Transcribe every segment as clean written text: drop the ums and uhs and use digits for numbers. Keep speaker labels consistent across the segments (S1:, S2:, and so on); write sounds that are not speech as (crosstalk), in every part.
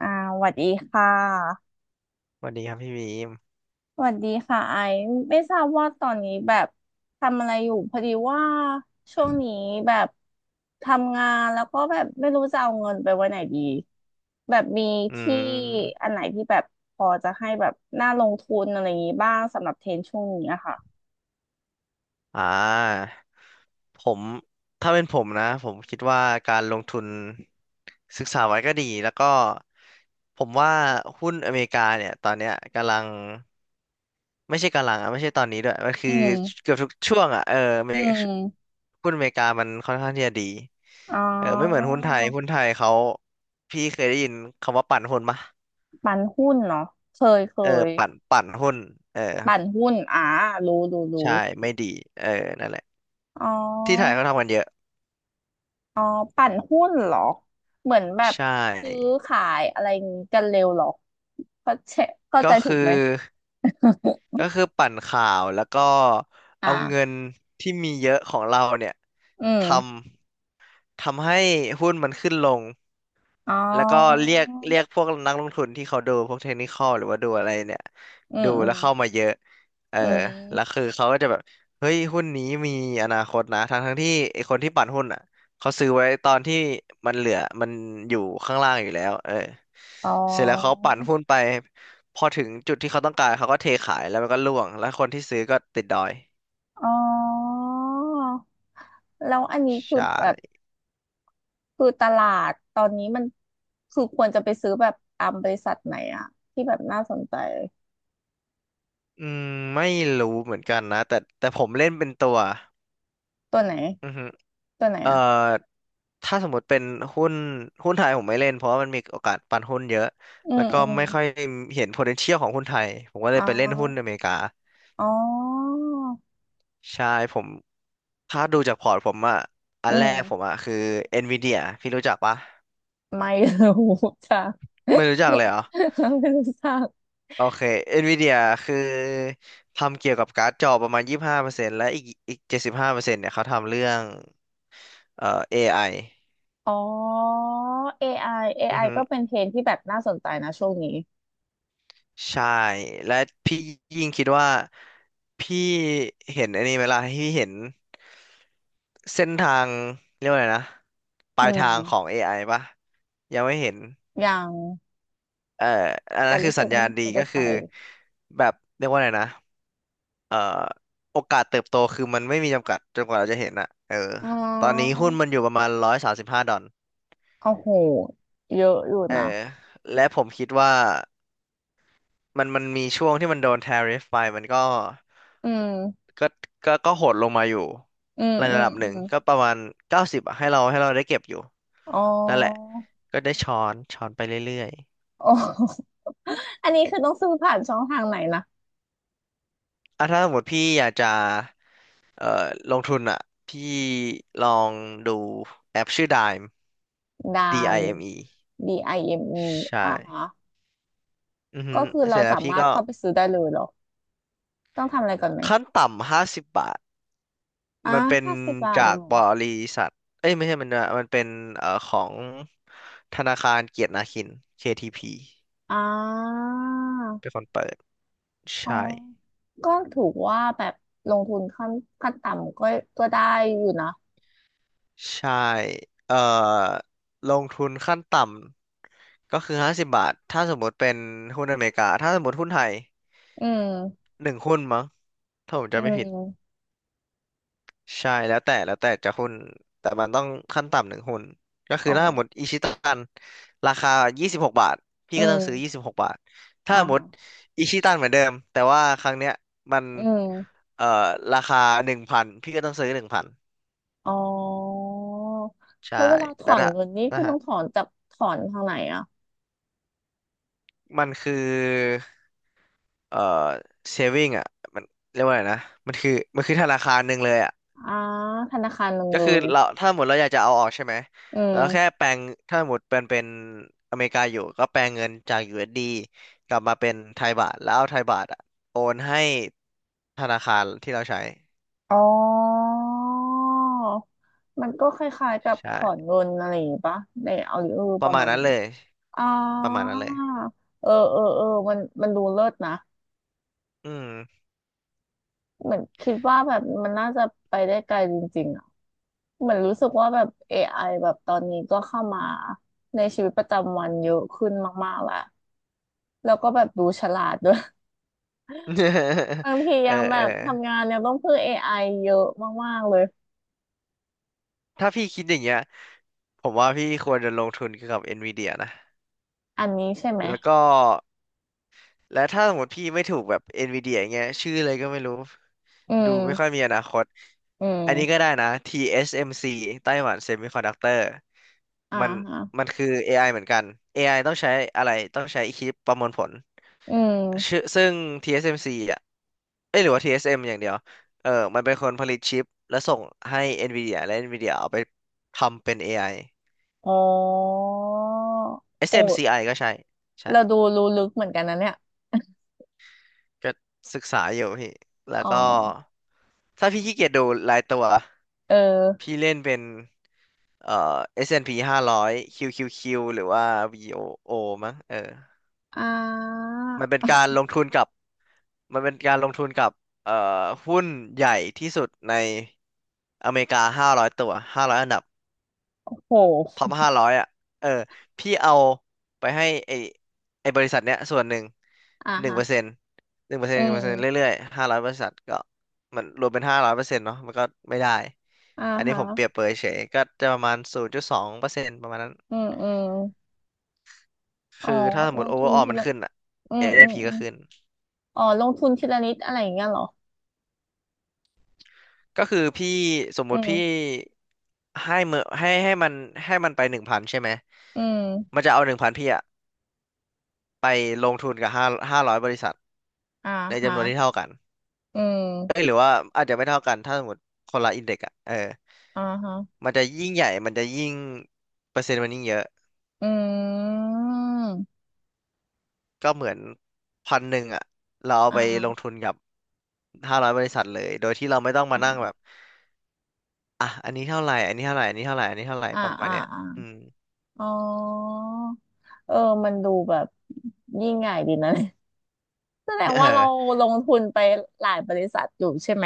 S1: อ่าสวัสดีค่ะ
S2: สวัสดีครับพี่บีม
S1: สวัสดีค่ะไอซ์ไม่ทราบว่าตอนนี้แบบทำอะไรอยู่พอดีว่าช่วงนี้แบบทำงานแล้วก็แบบไม่รู้จะเอาเงินไปไว้ไหนดีแบบมี
S2: อื
S1: ที่อั
S2: ม
S1: นไหนที่แบบพอจะให้แบบน่าลงทุนอะไรอย่างนี้บ้างสำหรับเทรนด์ช่วงนี้อะค่ะ
S2: อ่าผมถ้าเป็นผมนะผมคิดว่าการลงทุนศึกษาไว้ก็ดีแล้วก็ผมว่าหุ้นอเมริกาเนี่ยตอนเนี้ยกำลังไม่ใช่กำลังอ่ะไม่ใช่ตอนนี้ด้วยมันคื
S1: อื
S2: อ
S1: ม
S2: เกือบทุกช่วงอ่ะเอออเม
S1: อื
S2: ริ
S1: ม
S2: หุ้นอเมริกามันค่อนข้างที่จะดี
S1: อ๋
S2: เออไม่เหมือ
S1: อ
S2: นหุ้นไทยเขาพี่เคยได้ยินคำว่าปั่นหุ้นปะ
S1: ปั่นหุ้นเนาะเคยเค
S2: เออ
S1: ย
S2: ปั่นหุ้นเออ
S1: ปั่นหุ้นรู้รู้รู้
S2: ใช่ไม่ดีเออนั่นแหละ
S1: อ๋อ
S2: ที่ไทยเขาทำกันเยอะ
S1: อ๋อปั่นหุ้นเหรอเหมือนแบบ
S2: ใช
S1: ซื้อ
S2: ่
S1: ขายอะไรงี้กันเร็วเหรอเข้าใจเข้า
S2: ก็
S1: ใจถู
S2: คือ
S1: กไหม
S2: ก็คือปั่นข่าวแล้วก็
S1: (laughs) อ่า
S2: เอาเงินที่มีเยอะของเราเนี่ย
S1: อืม
S2: ทำทำให้หุ้นมันขึ้นลง
S1: อ๋
S2: แล้วก็
S1: อ
S2: เรียกพวกนักลงทุนที่เขาดูพวกเทคนิคอลหรือว่าดูอะไรเนี่ย
S1: อืม
S2: ดู
S1: อื
S2: แล้
S1: ม
S2: วเข้ามาเยอะเออ
S1: อื
S2: แล้ว
S1: ม
S2: คือเขาก็จะแบบเฮ้ยหุ้นนี้มีอนาคตนะทั้งที่ไอคนที่ปั่นหุ้นอ่ะเขาซื้อไว้ตอนที่มันเหลือมันอยู่ข้างล่างอยู่แล้วเออ
S1: อ๋
S2: เสร็จแล้วเขา
S1: อ
S2: ปั่นหุ้นไปพอถึงจุดที่เขาต้องการเขาก็เทขายแล้วมันก็ร่วงแล้วคนที่ซื้อก็ติดดอย
S1: อ๋อแล้วอันนี้
S2: ใช
S1: คือแบบ
S2: ่
S1: คือตลาดตอนนี้มันคือควรจะไปซื้อแบบตามบริษัทไหนอะที่แบบน่าสนใจ
S2: อืมไม่รู้เหมือนกันนะแต่ผมเล่นเป็นตัว
S1: ตัวไหน
S2: อือฮึ
S1: ตัวไหน
S2: เอ่
S1: อะ
S2: อถ้าสมมติเป็นหุ้นหุ้นไทยผมไม่เล่นเพราะว่ามันมีโอกาสปั่นหุ้นเยอะ
S1: อื
S2: แล้ว
S1: ม
S2: ก็
S1: อืม
S2: ไม่ค่อยเห็น potential ของหุ้นไทยผมก็เล
S1: อ๋อ
S2: ยไปเล่นหุ้นอเมริกา
S1: อ๋อ
S2: ใช่ผมถ้าดูจากพอร์ตผมอะอั
S1: อื
S2: นแรกผ
S1: ม
S2: มอะคือ Nvidia พี่รู้จักปะ
S1: ไม่รู้จ้ะ
S2: ไม่รู้จักเลยเหรอ
S1: (laughs) ไม่รู้จัก
S2: โอเค Nvidia คือทำเกี่ยวกับการ์ดจอประมาณ25%และอีก75%เปอร์เซ็นต์เนี่ยเขาทำเรื่องAI
S1: อ๋อ AI
S2: อไอ
S1: AI ก็เป็นเทรนด์ที่แบบน่าสนใจนะช่วงนี้
S2: ใช่และพี่ยิ่งคิดว่าพี่เห็นอันนี้ไหมล่ะพี่เห็นเส้นทางเรียกว่าอะไรนะป
S1: อื
S2: ลายทา
S1: ม
S2: งของ AI ปะยังไม่เห็น
S1: ยัง
S2: เอ่ออัน
S1: แต่
S2: นั้นคื
S1: รู้
S2: อ
S1: สึ
S2: สั
S1: ก
S2: ญ
S1: ว่า
S2: ญาณ
S1: มัน
S2: ดี
S1: ไปได้
S2: ก็
S1: ไก
S2: คื
S1: ล
S2: อแบบเรียกว่าอะไรนะเอ่อโอกาสเติบโตคือมันไม่มีจำกัดจนกว่าเราจะเห็นอะเออ
S1: อ๋อ
S2: ตอนนี้หุ้นมันอยู่ประมาณร้อยสามสิบห้าดอล
S1: โอ้โหเยอะอยู่
S2: เอ
S1: นะ
S2: อและผมคิดว่า มันมีช่วงที่มันโดน tariff ไปมันก็
S1: อืม
S2: ก็โหดลงมาอยู่
S1: อืม
S2: ใน
S1: อื
S2: ระ
S1: ม
S2: ดับห
S1: อื
S2: นึ่ง
S1: ม
S2: ก็ประมาณเก้าสิบให้เราได้เก็บอยู่
S1: อ๋อ
S2: นั่นแหละก็ได้ช้อนช้อนไปเรื่อย
S1: อ๋อ (laughs) อันนี้คือต้องซื้อผ่านช่องทางไหนนะ
S2: ๆอ่ะถ้าสมมติพี่อยากจะเอ่อลงทุนอ่ะพี่ลองดูแอปชื่อ Dime
S1: ดา
S2: D
S1: ม
S2: I M E
S1: DIME อมอี
S2: ใช่
S1: อ่ะฮะ
S2: อือฮึ
S1: ก็คือ
S2: เส
S1: เรา
S2: ร็จแล้ว
S1: สา
S2: พี่
S1: มาร
S2: ก็
S1: ถเข้าไปซื้อได้เลยเหรอ ต้องทำอะไรก่อนไหม
S2: ขั้นต่ำห้าสิบบาท
S1: อ่า
S2: มันเป็น
S1: 50 บาทเอ
S2: จา
S1: ง
S2: ก
S1: เหรอ
S2: บริษัทเอ้ยไม่ใช่มันนะมันเป็นของธนาคารเกียรตินาคิน KTP
S1: อ่า
S2: เป็นคนเปิด
S1: อ๋อ
S2: ใช่
S1: ก็ถือว่าแบบลงทุนขั้นขั้นต่ำก็ก็ได้อยู่นะ
S2: ใช่เอ่อลงทุนขั้นต่ำก็คือห้าสิบบาทถ้าสมมติเป็นหุ้นอเมริกาถ้าสมมติหุ้นไทย
S1: อืม
S2: หนึ่งหุ้นมั้งถ้าผม
S1: อื
S2: จำไม่ผิด
S1: ม
S2: ใช่แล้วแต่จะหุ้นแต่มันต้องขั้นต่ำหนึ่งหุ้นก็คื
S1: อ๋
S2: อ
S1: อ
S2: ถ้าหมดอิชิตันราคายี่สิบหกบาทพี่
S1: อื
S2: ก็ต้
S1: ม
S2: องซื้อยี่สิบหกบาทถ้า
S1: อ่า
S2: หมด
S1: ฮะ
S2: อิชิตันเหมือนเดิมแต่ว่าครั้งเนี้ยมัน
S1: อืม
S2: เอ่อราคาหนึ่งพันพี่ก็ต้องซื้อหนึ่งพัน
S1: อ๋อ
S2: ใช่
S1: แล้วเวลาถ
S2: แต่
S1: อน
S2: ถ้า
S1: เงินนี่คุ
S2: นะ
S1: ณ
S2: ฮะ
S1: ต้องถอนจากถอนทางไหนอ่ะ
S2: มันคือเอ่อ saving อ่ะมันเรียกว่าอะไรนะมันคือธนาคารหนึ่งเลยอ่ะ
S1: อ่าธนาคารหนึ่ง
S2: ก็
S1: เล
S2: คือ
S1: ย
S2: เราถ้าหมดเราอยากจะเอาออกใช่ไหม
S1: อื
S2: แล้วแค่
S1: ม
S2: แปลงถ้าหมดเป็นอเมริกาอยู่ก็แปลงเงินจาก USD กลับมาเป็นไทยบาทแล้วเอาไทยบาทอะโอนให้ธนาคารที่เราใช้
S1: อ๋อมันก็คล้ายๆกับถ
S2: ใช่
S1: อนเงินอะไรอย่างงี้ปะในเอาหรือเออ
S2: ป
S1: ป
S2: ระ
S1: ระ
S2: มา
S1: มา
S2: ณ
S1: ณ
S2: นั้
S1: นี้
S2: น
S1: ไห
S2: เล
S1: ม
S2: ย
S1: อ๋อ
S2: ประมาณนั้นเลย
S1: เออเออเออมันมันดูเลิศนะ
S2: อืม
S1: เหมือนคิดว่าแบบมันน่าจะไปได้ไกลจริงๆอ่ะเหมือนรู้สึกว่าแบบ AI แบบตอนนี้ก็เข้ามาในชีวิตประจำวันเยอะขึ้นมากๆและแล้วก็แบบดูฉลาดด้วย (laughs)
S2: (laughs)
S1: บางที
S2: เออ
S1: ยังแบ
S2: เออ
S1: บทำงานยังต้องพึ่งเอไอเยอะมากๆเลย
S2: ถ้าพี่คิดอย่างเงี้ยผมว่าพี่ควรจะลงทุนเกี่ยวกับ NVIDIA นะ
S1: อันนี้ใช่ไหม
S2: แล้วก็ และถ้าสมมติพี่ไม่ถูกแบบ NVIDIA อย่างเงี้ยชื่ออะไรก็ไม่รู้
S1: อื
S2: ดูไม่ค่อย
S1: ม
S2: มีอนาคต
S1: อื
S2: อั
S1: ม
S2: นนี้ก็ได้นะ TSMC ไต้หวัน Semiconductor
S1: อ่า
S2: มัน
S1: ฮะ
S2: มันคือ AI เหมือนกัน AI ต้องใช้อะไรต้องใช้คิดประมวลผล
S1: อื
S2: ชื่อ
S1: ม
S2: ซึ่ง TSMC อสเอ็มซีอ่ะเอ้ยหรือว่า TSM อสเอ็มอย่างเดียวเออมันเป็นคนผลิตชิปและส่งให้ NVIDIA และ NVIDIA เอาไปทำเป็น AI
S1: อ๋อโอ้
S2: SMCI ก็ใช่ใช่
S1: เราดูรู้ลึกเหมือนกันนะเนี่ย
S2: ก็ศึกษาอยู่พี่แล้ว
S1: อ๋อ
S2: ก็ถ้าพี่ขี้เกียจดูรายตัว
S1: เออ
S2: พี่เล่นเป็นเอ่อ S&P 500 QQQ หารอยคิวคิวคิวหรือว่าวีโอโอมั้งเออ
S1: อ่า
S2: มันเป็นการลงทุนกับมันเป็นการลงทุนกับเอ่หุ้นใหญ่ที่สุดในอเมริกา500ตัว500อยอันดับ
S1: โ
S2: ท็
S1: ห
S2: อปห้าร้อยอ่ะเออพี่เอาไปให้ไอบริษัทเนี้ยส่วนหนึ่งหนึ่ง
S1: ฮะ
S2: เปอร์เซ็นต์หนึ่งเปอร์เซ็น
S1: อื
S2: ต์หนึ่งเปอร์เซ็นต์
S1: ม
S2: เรื่อยๆห้าร้อยบริษัทก็มันรวมเป็นห้าร้อยเปอร์เซ็นต์เนาะมันก็ไม่ได้
S1: อ่า
S2: อันนี้
S1: ฮะ
S2: ผมเปรียบเปรยเฉยก็จะประมาณศูนย์จุดสองเปอร์เซ็นต์ประมาณนั้น
S1: อืมอืมอ๋อ
S2: คือถ้าสม
S1: ล
S2: มติ
S1: ง
S2: โอเว
S1: ทุ
S2: อ
S1: น
S2: ร์ออ
S1: ที
S2: มัน
S1: ละ
S2: ขึ้นอ่ะ
S1: อืมอืม
S2: AAP
S1: อ
S2: ก็
S1: ม
S2: ขึ้น
S1: อ๋อลงทุนทีละนิดอะไรอย่างเงี้ยเหรอ
S2: ก็คือพี่สม
S1: อื
S2: มุติพี่
S1: ม
S2: ให้เมือให้มันให้มันไปหนึ่งพันใช่ไหม
S1: อื
S2: มั
S1: ม
S2: นจะเอาหนึ่งพันพี่อะไปลงทุนกับห้าร้อยบริษัท
S1: อ่า
S2: ใน
S1: ฮะ
S2: จำนวนที่เท่ากัน
S1: อื
S2: เอ้ย
S1: ม
S2: หรือว่าอาจจะไม่เท่ากันถ้าสมมติคนละอินเด็กอะเออ
S1: อ่าฮะ
S2: มันจะยิ่งเปอร์เซ็นต์มันยิ่งเยอะ
S1: อืม
S2: ก็เหมือนพันหนึ่งอะเรา
S1: อ
S2: เอาไปลง
S1: ่า
S2: ทุนกับห้าร้อยบริษัทเลยโดยที่เราไม่ต้องมานั่งแบ
S1: อ่า
S2: บอ่ะอันนี้เท่าไหร่อันนี้เท่าไหร่อันนี้เท่าไหร่อันนี้เท่าไหร่
S1: อ่า
S2: ประมาณ
S1: อ่า
S2: เนี้ย
S1: อา
S2: อืม
S1: อ๋อเออมันดูแบบยิ่งใหญ่ดีนะ (laughs) แสดง
S2: (laughs)
S1: ว่าเรา
S2: เออ
S1: ลงทุนไปหลายบริษัทอยู่ใช่ไหม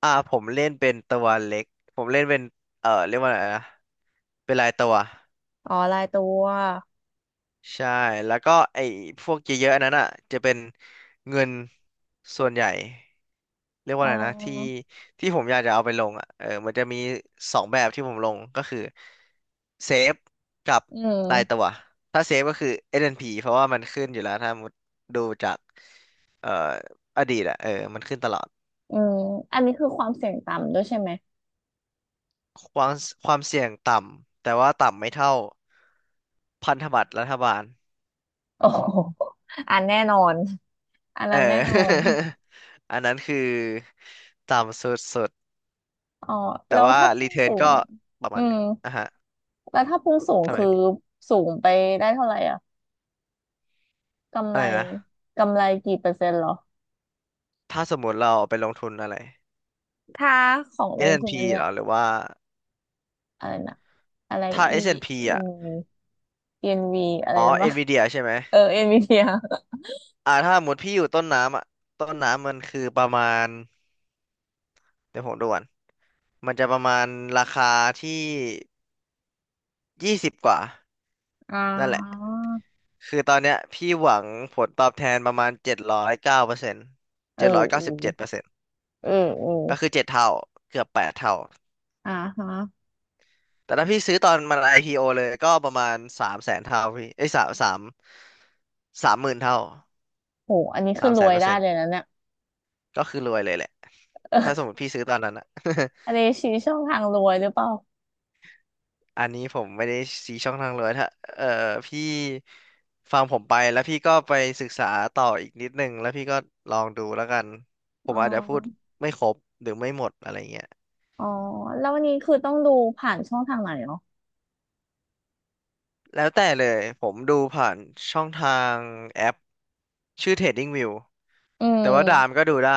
S2: อ่าผมเล่นเป็นตัวเล็กผมเล่นเป็นเออเรียกว่าอะไรนะเป็นรายตัว
S1: อ๋อรายตัว
S2: ใช่แล้วก็ไอ้พวกเยอะๆอันนั้นอ่ะจะเป็นเงินส่วนใหญ่ เรียกว่า
S1: อ๋
S2: อะไรนะที่
S1: อ
S2: ที่ผมอยากจะเอาไปลงอ่ะเออมันจะมีสองแบบที่ผมลงก็คือเซฟกับ
S1: อื
S2: ราย
S1: ม
S2: ตัวถ้าเซฟก็คือ S&P เพราะว่ามันขึ้นอยู่แล้วถ้ามุดดูจากเอ่ออดีตอ่ะเออมันขึ้นตลอด
S1: อืมอันนี้คือความเสี่ยงต่ำด้วยใช่ไหม
S2: ความความเสี่ยงต่ำแต่ว่าต่ำไม่เท่าพันธบัตรรัฐบาล
S1: โอ้โหอันแน่นอนอัน
S2: เอ
S1: นั้นแน่นอน
S2: อ (laughs) อันนั้นคือต่ำสุด
S1: อ๋อ
S2: ๆแต่
S1: แล้ว
S2: ว่า
S1: ถ้าพุ่
S2: รี
S1: ง
S2: เทิร์น
S1: สู
S2: ก็
S1: ง
S2: ประ
S1: อื
S2: มาณห
S1: ม
S2: นึ่งอ่ะฮะ
S1: แล้วถ้าพุ่งสูง
S2: ทำไม
S1: คือ
S2: พี่
S1: สูงไปได้เท่าไหร่อะกำ
S2: อะ
S1: ไร
S2: ไรนะ
S1: กำไรกี่เปอร์เซ็นต์เหรอ
S2: ถ้าสมมุติเราไปลงทุนอะไร
S1: ถ้าของลงทุน
S2: S&P
S1: อันเนี้
S2: เห
S1: ย
S2: รอหรือว่า
S1: อะไรนะอะไร
S2: ถ้า
S1: E
S2: S&P อสแอนด์พี
S1: N
S2: อ่ะ
S1: V E N V อะไร
S2: อ๋อ
S1: นะวะ
S2: Nvidia ใช่ไหม
S1: เออ NVIDIA
S2: อ่าถ้าสมมติพี่อยู่ต้นน้ำอ่ะต้นน้ำมันคือประมาณเดี๋ยวผมดูก่อนมันจะประมาณราคาที่ยี่สิบกว่า
S1: อ่
S2: นั่นแหละ
S1: า
S2: คือตอนเนี้ยพี่หวังผลตอบแทนประมาณเจ็ดร้อยเก้าเปอร์เซ็นต์
S1: เออ
S2: เจ็ดร้อย
S1: เอ
S2: เก้าสิบเจ็ดเป
S1: อ
S2: อร์เซ็นต์
S1: เออเออ
S2: ก็คือเจ็ดเท่าเกือบแปดเท่า
S1: อ่าฮะ
S2: แต่ถ้าพี่ซื้อตอนมัน IPO เลยก็ประมาณสามแสนเท่าพี่ไอ้ยสามสามสามหมื่นเท่า
S1: โหอันนี้คื
S2: สา
S1: อ
S2: ม
S1: ร
S2: แส
S1: ว
S2: น
S1: ย
S2: เปอร์
S1: ได้
S2: เซ็น
S1: เล
S2: ต์
S1: ยนะเนี่ย
S2: ก็คือรวยเลยแหละถ้าสมมติพี่ซื้อตอนนั้นอะ
S1: อันนี้
S2: (laughs)
S1: ชี้ช่องทางรวยหรือเปล่า
S2: อันนี้ผมไม่ได้ชี้ช่องทางรวยถ้าเออพี่ฟังผมไปแล้วพี่ก็ไปศึกษาต่ออีกนิดนึงแล้วพี่ก็ลองดูแล้วกันผ
S1: อ๋อ
S2: มอาจจะพูดไม่ครบหรือไม่หมดอะไรเงี้ย
S1: อ๋อ แล้ววันนี้คือต้องดูผ่านช่องทางไหนเนาะ
S2: แล้วแต่เลยผมดูผ่านช่องทางแอปชื่อ Trading View
S1: อื
S2: แต่ว่าดาม
S1: ม
S2: ก็ดูได้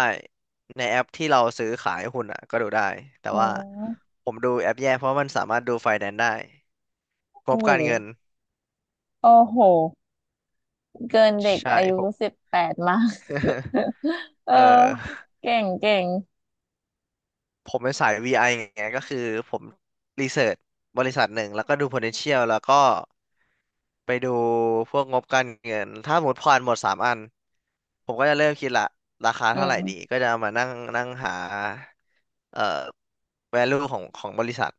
S2: ในแอปที่เราซื้อขายหุ้นอ่ะก็ดูได้แต่
S1: อ๋
S2: ว่า
S1: อ
S2: ผมดูแอปแยกเพราะมันสามารถดูไฟแนนซ์ได้ง
S1: โอ้
S2: บ
S1: โห
S2: การเงิน
S1: โอ้โห เกินเด็ก
S2: ใช่
S1: อายุ
S2: ผม
S1: 18มาก
S2: (laughs)
S1: (laughs) เออ
S2: เอ่อ
S1: เก่งเก่ง
S2: ผมเป็นสาย VI ไอไงก็คือผมรีเสิร์ชบริษัทหนึ่งแล้วก็ดู potential แล้วก็ไปดูพวกงบการเงินถ้าหมดผ่านหมดสามอันผมก็จะเริ่มคิดละราคา
S1: อื
S2: เท่าไหร่ดี
S1: ม
S2: ก็จะเอามานั่งนั่งหาเอ่อ value ของของบริษัท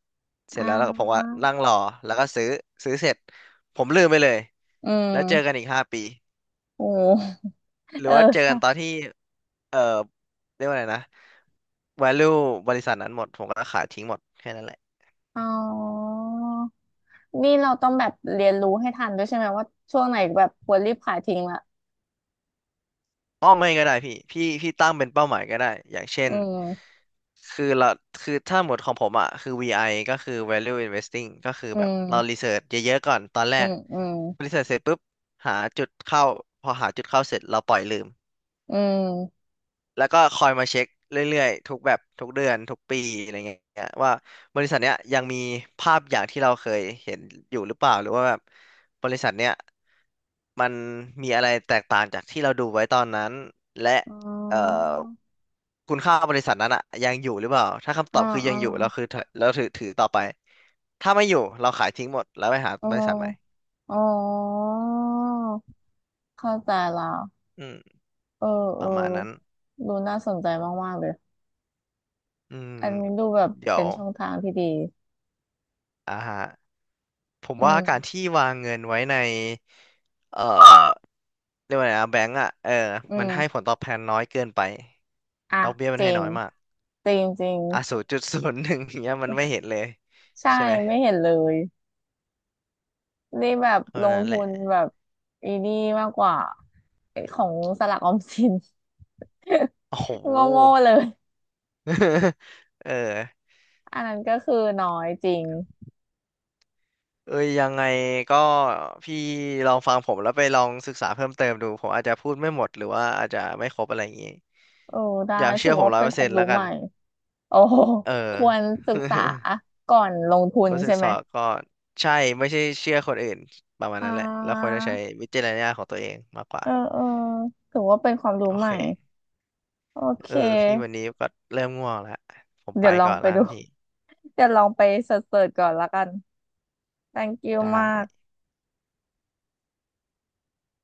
S2: เสร็จ
S1: อ่า
S2: แล้วแล้วผมว่านั่งรอแล้วก็ซื้อเสร็จผมลืมไปเลย
S1: อืม
S2: แล้วเจอกันอีกห้าปี
S1: โอ้
S2: หรื
S1: เอ
S2: อ
S1: อ
S2: ว่าเจอกันตอ
S1: ใช่
S2: นที่ เอ่อ เรียกว่าไรนะ value บริษัทนั้นหมด ผมก็ขายทิ้งหมดแค่นั้นแหละ
S1: อ๋อ นี่เราต้องแบบเรียนรู้ให้ทันด้วยใช่ไหมว่าช่วงไหนแบบควรรีบขายทิ้งละ
S2: อ้อไม่ก็ได้พี่ตั้งเป็นเป้าหมายก็ได้ อย่างเช่
S1: อื
S2: น
S1: ม
S2: คือเรา คือถ้าหมดของผมอ่ะคือ VI ก็คือ value investing ก็คือ
S1: อื
S2: แบบ เรารี
S1: ม
S2: เสิร์ชเยอะๆก่อน ตอนแร
S1: อื
S2: ก
S1: มอืม
S2: รีเสิร์ชเสร็จปุ๊บ หาจุดเข้า พอหาจุดเข้าเสร็จ เราปล่อยลืม
S1: อืม
S2: แล้วก็คอยมาเช็คเรื่อยๆทุกแบบทุกเดือนทุกปีอะไรเงี้ยว่าบริษัทเนี้ยยังมีภาพอย่างที่เราเคยเห็นอยู่หรือเปล่าหรือว่าแบบบริษัทเนี้ยมันมีอะไรแตกต่างจากที่เราดูไว้ตอนนั้นและ
S1: อ๋
S2: เอ่
S1: อ
S2: อคุณค่าบริษัทนั้นอะยังอยู่หรือเปล่าถ้าคำต
S1: อ๋อ
S2: อบคือ
S1: อ๋
S2: ยั
S1: อ
S2: งอยู่เราคือเราถือต่อไปถ้าไม่อยู่เราขายทิ้งหมดแล้วไปหา
S1: อ๋อ
S2: บริษัทใหม่
S1: อ๋อเข้าใจแล้ว
S2: อืม
S1: เออเอ
S2: ป
S1: อ
S2: ระมาณนั้น
S1: ดูน่าสนใจมากๆเลย
S2: อืม
S1: อันนี้ดูแบบ
S2: เดี๋ย
S1: เป็
S2: ว
S1: นช่องทางที่ดี
S2: อ่าฮะ ผม
S1: อื
S2: ว่า
S1: ม
S2: การที่วางเงินไว้ในเอ่อเรียกว่าไงนะแบงก์อ่ะเออ
S1: อื
S2: มันให้ผ
S1: ม
S2: ลตอบแทนน้อยเกินไป
S1: อ่ะ
S2: ดอกเบี้ยมั
S1: จ
S2: น
S1: ริ
S2: ให้
S1: ง
S2: น้อยมาก
S1: จริงจริง
S2: อ่ะศูนย์จุดศูนย์หนึ่งเนี้ยมันไม่เห็นเลย
S1: ใช่
S2: ใช่ไหม
S1: ไม่เห็นเลยนี่แบบ
S2: เพราะ
S1: ล
S2: ฉะ
S1: ง
S2: นั้นแห
S1: ทุ
S2: ละ
S1: นแบบอีนี่มากกว่าไอ้ของสลักออมสิน
S2: โอ้โห
S1: (laughs) โง่ๆเลย
S2: (laughs) เออ
S1: อันนั้นก็คือน้อยจริง
S2: เอ้ยยังไงก็พี่ลองฟังผมแล้วไปลองศึกษาเพิ่มเติมดูผมอาจจะพูดไม่หมดหรือว่าอาจจะไม่ครบอะไรอย่างงี้
S1: เออได้
S2: อย่า
S1: ถื
S2: เชื่
S1: อ
S2: อผม
S1: ว่า
S2: ร้อย
S1: เป็น
S2: เปอร์
S1: ควา
S2: เซ็
S1: ม
S2: นต์
S1: รู้
S2: แล้วกั
S1: ให
S2: น
S1: ม่ โอ้โห
S2: เออ
S1: ควรศึกษา
S2: (laughs)
S1: ก่อนลงทุน
S2: ก็ศึ
S1: ใช่
S2: ก
S1: ไหม
S2: ษาก่อนใช่ไม่ใช่เชื่อคนอื่นประมาณ
S1: อ่
S2: นั้นแหละแล้วควร
S1: า
S2: จะใช้วิจารณญาณของตัวเองมากกว่า
S1: เออเออถือว่าเป็นความรู้
S2: โอ
S1: ใหม่
S2: เค
S1: โอเค
S2: เออพี่วันนี้ก็เริ่มง่วงแล้วผมไป
S1: เดี๋ยวลอ
S2: ก่
S1: ง
S2: อน
S1: ไป
S2: แล้วกั
S1: ดู
S2: นพี่
S1: (laughs) เดี๋ยวลองไปเสิร์ชๆก่อนละกัน thank you
S2: ได้
S1: มาก